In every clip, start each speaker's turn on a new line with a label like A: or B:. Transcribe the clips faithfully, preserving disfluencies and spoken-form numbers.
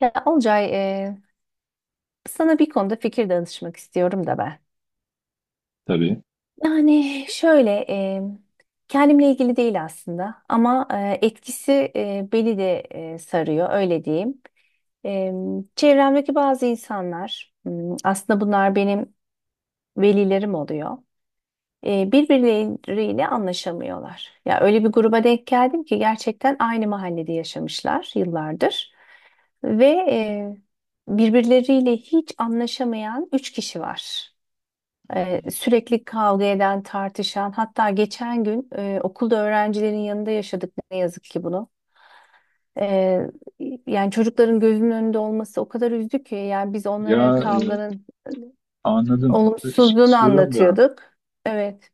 A: Ya Olcay, e, sana bir konuda fikir danışmak istiyorum da ben.
B: Tabii.
A: Yani şöyle, e, kendimle ilgili değil aslında ama e, etkisi e, beni de e, sarıyor, öyle diyeyim. E, Çevremdeki bazı insanlar, m, aslında bunlar benim velilerim oluyor. E, birbirleriyle anlaşamıyorlar. Ya öyle bir gruba denk geldim ki gerçekten aynı mahallede yaşamışlar yıllardır ve e, birbirleriyle hiç anlaşamayan üç kişi var. E, sürekli kavga eden, tartışan, hatta geçen gün e, okulda öğrencilerin yanında yaşadık ne yazık ki bunu. E, Yani çocukların gözünün önünde olması o kadar üzdü ki yani biz
B: Ya
A: onlara
B: e,
A: kavganın
B: Anladım. Ş-
A: olumsuzluğunu
B: istiyorum ya.
A: anlatıyorduk. Evet.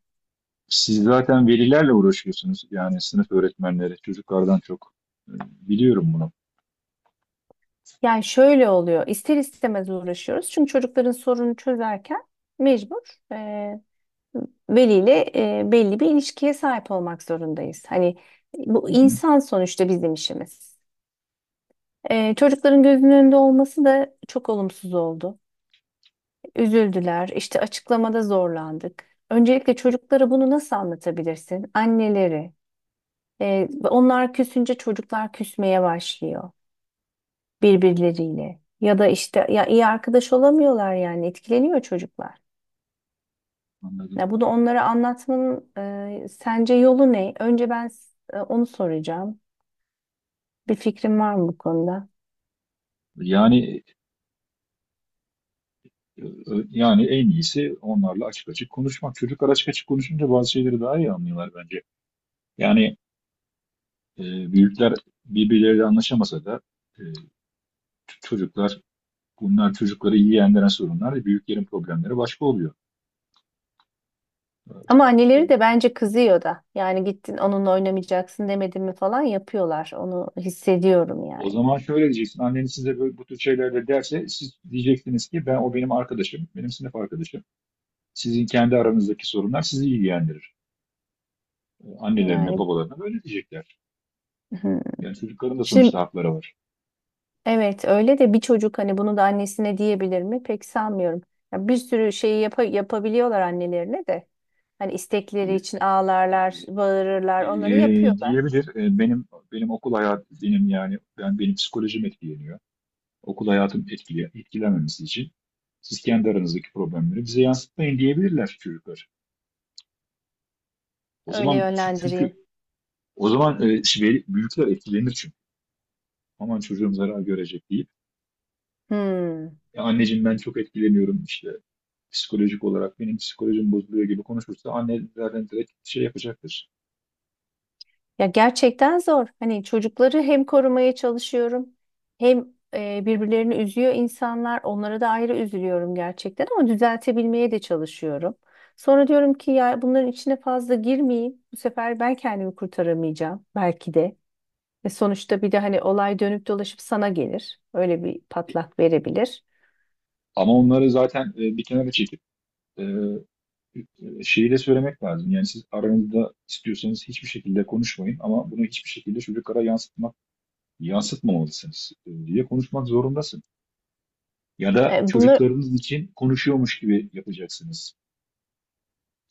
B: Siz zaten velilerle uğraşıyorsunuz. Yani sınıf öğretmenleri, çocuklardan çok. E, Biliyorum bunu.
A: Yani şöyle oluyor. İster istemez uğraşıyoruz. Çünkü çocukların sorunu çözerken mecbur e, veliyle e, belli bir ilişkiye sahip olmak zorundayız. Hani
B: Hı
A: bu
B: hı,
A: insan sonuçta bizim işimiz. E, çocukların gözünün önünde olması da çok olumsuz oldu. Üzüldüler, işte açıklamada zorlandık. Öncelikle çocuklara bunu nasıl anlatabilirsin? Anneleri. E, onlar küsünce çocuklar küsmeye başlıyor. Birbirleriyle ya da işte ya iyi arkadaş olamıyorlar yani etkileniyor çocuklar.
B: anladım.
A: Ya bunu onlara anlatmanın e, sence yolu ne? Önce ben s- e, onu soracağım. Bir fikrim var mı bu konuda?
B: Yani e, e, Yani en iyisi onlarla açık açık konuşmak. Çocuklar açık açık konuşunca bazı şeyleri daha iyi anlıyorlar bence. Yani e, Büyükler birbirleriyle anlaşamasa da e, ç- çocuklar, bunlar çocukları iyi yendiren sorunlar, büyüklerin problemleri başka oluyor.
A: Ama anneleri de bence kızıyor da. Yani gittin onunla oynamayacaksın demedim mi falan yapıyorlar. Onu hissediyorum
B: O
A: yani.
B: zaman şöyle diyeceksin. Anneniz size böyle, bu tür şeyler derse siz diyeceksiniz ki ben o benim arkadaşım, benim sınıf arkadaşım. Sizin kendi aranızdaki sorunlar sizi ilgilendirir. E, Annelerine,
A: Yani
B: babalarına böyle diyecekler.
A: hı.
B: Yani çocukların da
A: Şimdi
B: sonuçta hakları var.
A: evet öyle de bir çocuk hani bunu da annesine diyebilir mi? Pek sanmıyorum. Ya bir sürü şeyi yapa- yapabiliyorlar annelerine de. Hani
B: E,
A: istekleri
B: e,
A: için ağlarlar, bağırırlar,
B: e,
A: onları yapıyorlar.
B: Diyebilir. E, benim benim okul hayatım, benim, yani ben, benim psikolojim etkileniyor. Okul hayatım etkile, etkilenmemesi için siz kendi aranızdaki problemleri bize yansıtmayın diyebilirler çocuklar. O
A: Öyle
B: zaman çü- çünkü
A: yönlendireyim.
B: o zaman e, veli- büyükler etkilenir, aman çocuğum zarar görecek deyip,
A: Hmm.
B: ya anneciğim ben çok etkileniyorum işte, psikolojik olarak benim psikolojim bozuluyor gibi konuşursa anne zaten direkt şey yapacaktır.
A: Ya gerçekten zor. Hani çocukları hem korumaya çalışıyorum, hem e, birbirlerini üzüyor insanlar. Onlara da ayrı üzülüyorum gerçekten ama düzeltebilmeye de çalışıyorum. Sonra diyorum ki ya bunların içine fazla girmeyeyim. Bu sefer ben kendimi kurtaramayacağım belki de. Ve sonuçta bir de hani olay dönüp dolaşıp sana gelir. Öyle bir patlak verebilir.
B: Ama onları zaten e, bir kenara çekip e, e, şeyi de söylemek lazım. Yani siz aranızda istiyorsanız hiçbir şekilde konuşmayın ama bunu hiçbir şekilde çocuklara yansıtmak yansıtmamalısınız e, diye konuşmak zorundasın. Ya da
A: E, Bunlar
B: çocuklarınız için konuşuyormuş gibi yapacaksınız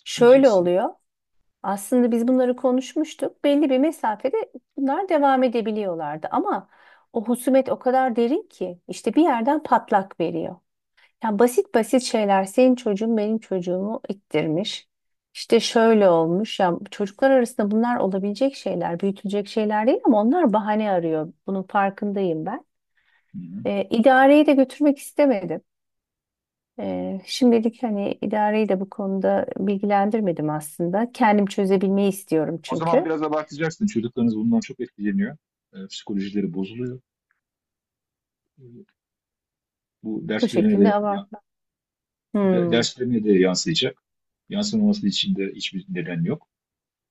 A: şöyle
B: diyeceksin.
A: oluyor. Aslında biz bunları konuşmuştuk. Belli bir mesafede bunlar devam edebiliyorlardı ama o husumet o kadar derin ki işte bir yerden patlak veriyor. Ya basit basit şeyler senin çocuğun benim çocuğumu ittirmiş. İşte şöyle olmuş ya çocuklar arasında bunlar olabilecek şeyler, büyütülecek şeyler değil ama onlar bahane arıyor. Bunun farkındayım ben.
B: Hı hı.
A: Ee, idareyi de götürmek istemedim. Ee, şimdilik hani idareyi de bu konuda bilgilendirmedim aslında. Kendim çözebilmeyi istiyorum
B: O zaman
A: çünkü.
B: biraz abartacaksın. Çocuklarınız bundan çok etkileniyor. E, psikolojileri bozuluyor. E, Bu
A: Bu
B: derslerine
A: şekilde
B: de ya-
A: abartma.
B: de-
A: Hmm,
B: derslerine de yansıyacak. Yansımaması için de hiçbir neden yok.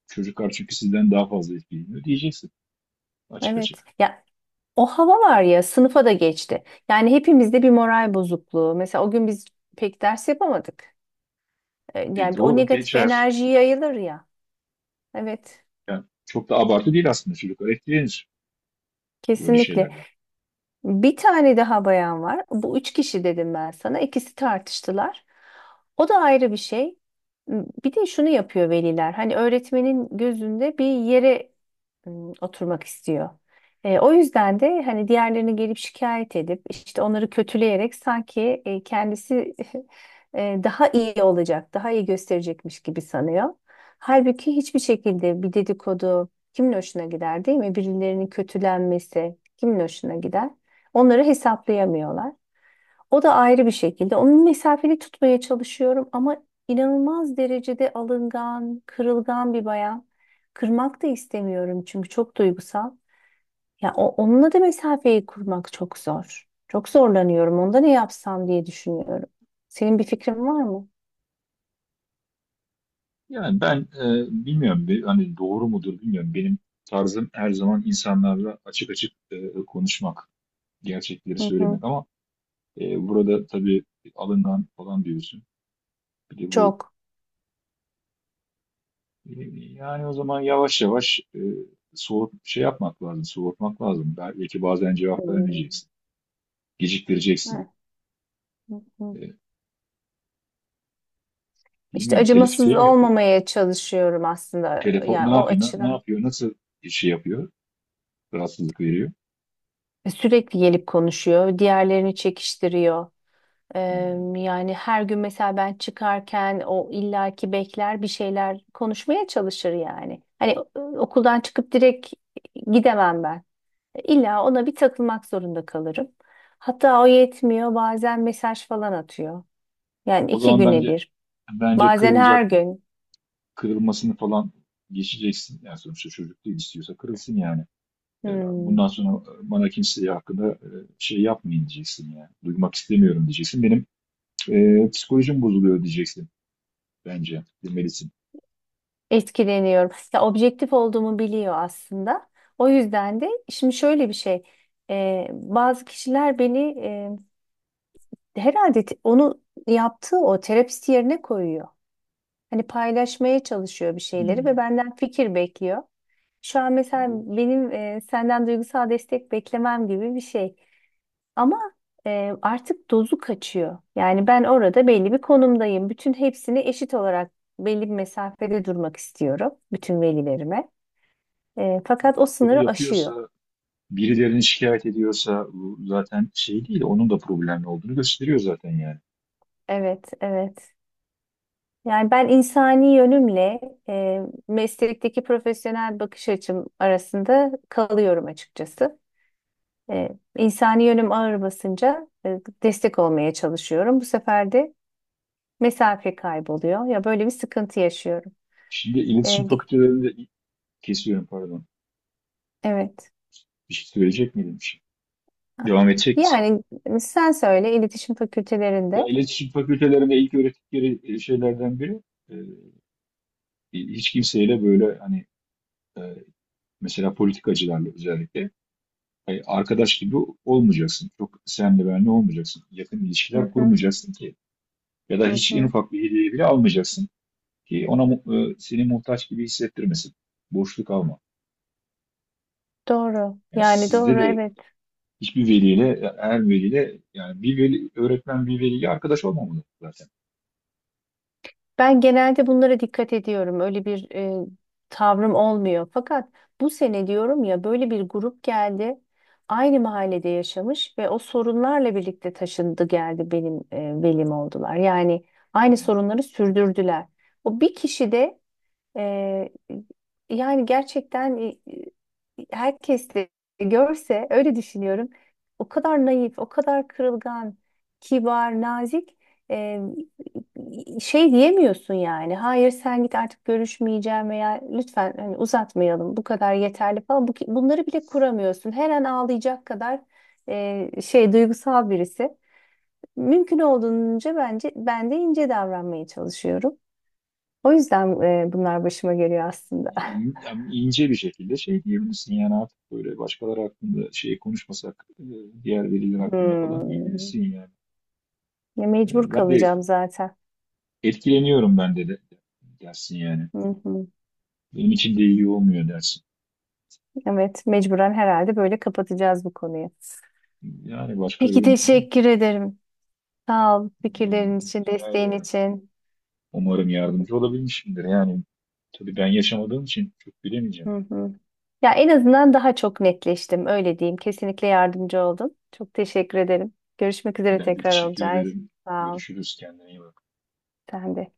B: Çocuklar çünkü sizden daha fazla etkileniyor diyeceksin, açık
A: evet.
B: açık.
A: Ya o hava var ya sınıfa da geçti. Yani hepimizde bir moral bozukluğu. Mesela o gün biz pek ders yapamadık. E,
B: E,
A: Yani o
B: doğru
A: negatif
B: geçer.
A: enerji yayılır ya. Evet,
B: Yani çok da abartı değil, aslında çocuklar etkilenir böyle
A: kesinlikle.
B: şeylerden.
A: Bir tane daha bayan var. Bu üç kişi dedim ben sana. İkisi tartıştılar. O da ayrı bir şey. Bir de şunu yapıyor veliler. Hani öğretmenin gözünde bir yere ım, oturmak istiyor. E, o yüzden de hani diğerlerini gelip şikayet edip işte onları kötüleyerek sanki e, kendisi e, daha iyi olacak, daha iyi gösterecekmiş gibi sanıyor. Halbuki hiçbir şekilde bir dedikodu kimin hoşuna gider değil mi? Birilerinin kötülenmesi kimin hoşuna gider? Onları hesaplayamıyorlar. O da ayrı bir şekilde. Onun mesafeli tutmaya çalışıyorum ama inanılmaz derecede alıngan, kırılgan bir bayan. Kırmak da istemiyorum çünkü çok duygusal. Ya o, onunla da mesafeyi kurmak çok zor. Çok zorlanıyorum. Onda ne yapsam diye düşünüyorum. Senin bir fikrin var mı?
B: Yani ben e, bilmiyorum, bir- hani doğru mudur bilmiyorum. Benim tarzım her zaman insanlarla açık açık e, konuşmak, gerçekleri
A: Hı hı.
B: söylemek ama E, burada tabii alından falan diyorsun. Bir de bu
A: Çok.
B: e, yani o zaman yavaş yavaş e, soğut şey yapmak lazım, soğutmak lazım. Belki bazen cevap
A: Hmm.
B: vermeyeceksin, geciktireceksin.
A: Evet. Hı hı.
B: E,
A: İşte
B: Bilmiyorum, telif
A: acımasız
B: şey mi yapıyor?
A: olmamaya çalışıyorum aslında.
B: Telefon ne
A: Yani o
B: yapıyor, ne, ne
A: açıdan.
B: yapıyor, nasıl şey yapıyor, rahatsızlık veriyor.
A: Sürekli gelip konuşuyor, diğerlerini çekiştiriyor.
B: Hmm.
A: Em, yani her gün mesela ben çıkarken o illaki bekler bir şeyler konuşmaya çalışır yani. Hani e, okuldan çıkıp direkt gidemem ben. İlla ona bir takılmak zorunda kalırım. Hatta o yetmiyor bazen mesaj falan atıyor. Yani
B: O
A: iki
B: zaman
A: güne
B: bence
A: bir.
B: Bence
A: Bazen her
B: kırılacak,
A: gün.
B: kırılmasını falan geçeceksin. Yani sonuçta çocuk değil, istiyorsa kırılsın yani. E,
A: Hmm,
B: Bundan sonra e, bana kimseye hakkında e, şey yapmayın diyeceksin ya. Duymak istemiyorum diyeceksin. Benim e, psikolojim bozuluyor diyeceksin bence. Demelisin.
A: etkileniyorum. Ya objektif olduğumu biliyor aslında. O yüzden de şimdi şöyle bir şey. E, bazı kişiler beni herhalde te- onu yaptığı o terapisti yerine koyuyor. Hani paylaşmaya çalışıyor bir şeyleri ve
B: Hmm.
A: benden fikir bekliyor. Şu an mesela
B: Olabilir.
A: benim e, senden duygusal destek beklemem gibi bir şey. Ama e, artık dozu kaçıyor. Yani ben orada belli bir konumdayım. Bütün hepsini eşit olarak belli bir mesafede durmak istiyorum bütün velilerime. E, fakat o
B: Bunu
A: sınırı aşıyor.
B: yapıyorsa, birilerini şikayet ediyorsa, bu zaten şey değil, onun da problemli olduğunu gösteriyor zaten yani.
A: Evet, evet. Yani ben insani yönümle e, meslekteki profesyonel bakış açım arasında kalıyorum açıkçası. E, insani yönüm ağır basınca e, destek olmaya çalışıyorum. Bu sefer de mesafe kayboluyor. Ya böyle bir sıkıntı yaşıyorum.
B: Şimdi
A: E,
B: iletişim
A: ge-
B: fakültelerinde kesiyorum, pardon.
A: evet.
B: Bir şey söyleyecek miydim? Bir şey. Devam edecek misin?
A: Yani sen söyle iletişim
B: Ya
A: fakültelerinde.
B: iletişim fakültelerinde ilk öğrettikleri e, şeylerden biri, e, hiç kimseyle böyle hani, e, mesela politikacılarla özellikle hani arkadaş gibi olmayacaksın. Çok senle benle olmayacaksın. Yakın
A: Hı
B: ilişkiler
A: hı,
B: kurmayacaksın ki. Ya da
A: hı
B: hiç en
A: hı.
B: ufak bir hediye bile almayacaksın ki ona mu- e, seni muhtaç gibi hissettirmesin. Borçluk alma.
A: Doğru.
B: Yani
A: Yani
B: sizde
A: doğru
B: de
A: evet.
B: hiçbir veliyle, her veliyle, yani bir veli, öğretmen bir veliyle arkadaş olmamalı zaten.
A: Ben genelde bunlara dikkat ediyorum. Öyle bir e, tavrım olmuyor. Fakat bu sene diyorum ya böyle bir grup geldi. Aynı mahallede yaşamış ve o sorunlarla birlikte taşındı geldi benim e, velim oldular. Yani
B: Hı
A: aynı
B: hı.
A: sorunları sürdürdüler. O bir kişi de ee, yani gerçekten e, e, herkes de görse öyle düşünüyorum. O kadar naif, o kadar kırılgan, kibar, nazik e, şey diyemiyorsun yani. Hayır sen git artık görüşmeyeceğim veya lütfen hani uzatmayalım bu kadar yeterli falan. Bu, bunları bile kuramıyorsun. Her an ağlayacak kadar e, şey duygusal birisi. Mümkün olduğunca bence ben de ince davranmaya çalışıyorum. O yüzden e, bunlar başıma geliyor aslında.
B: İn- yani ince bir şekilde şey diyebilirsin, yani artık böyle başkaları hakkında şey konuşmasak, e, diğer veliler hakkında falan
A: Hmm.
B: diyebilirsin yani.
A: Ya
B: E,
A: mecbur
B: Ben de
A: kalacağım zaten.
B: etkileniyorum, ben de, de dersin yani.
A: Hı hı.
B: Benim için de iyi olmuyor dersin.
A: Evet, mecburen herhalde böyle kapatacağız bu konuyu.
B: Yani başka
A: Peki
B: yöntem
A: teşekkür
B: yok.
A: ederim. Sağ ol fikirlerin için,
B: Rica
A: desteğin
B: ederim.
A: için.
B: Umarım yardımcı olabilmişimdir. Yani tabii ben yaşamadığım için çok bilemeyeceğim.
A: Hı hı. Ya en azından daha çok netleştim, öyle diyeyim. Kesinlikle yardımcı oldun. Çok teşekkür ederim. Görüşmek üzere
B: Ben de
A: tekrar
B: teşekkür
A: olacağız.
B: ederim.
A: Sağ ol.
B: Görüşürüz. Kendine iyi bak.
A: Sen de.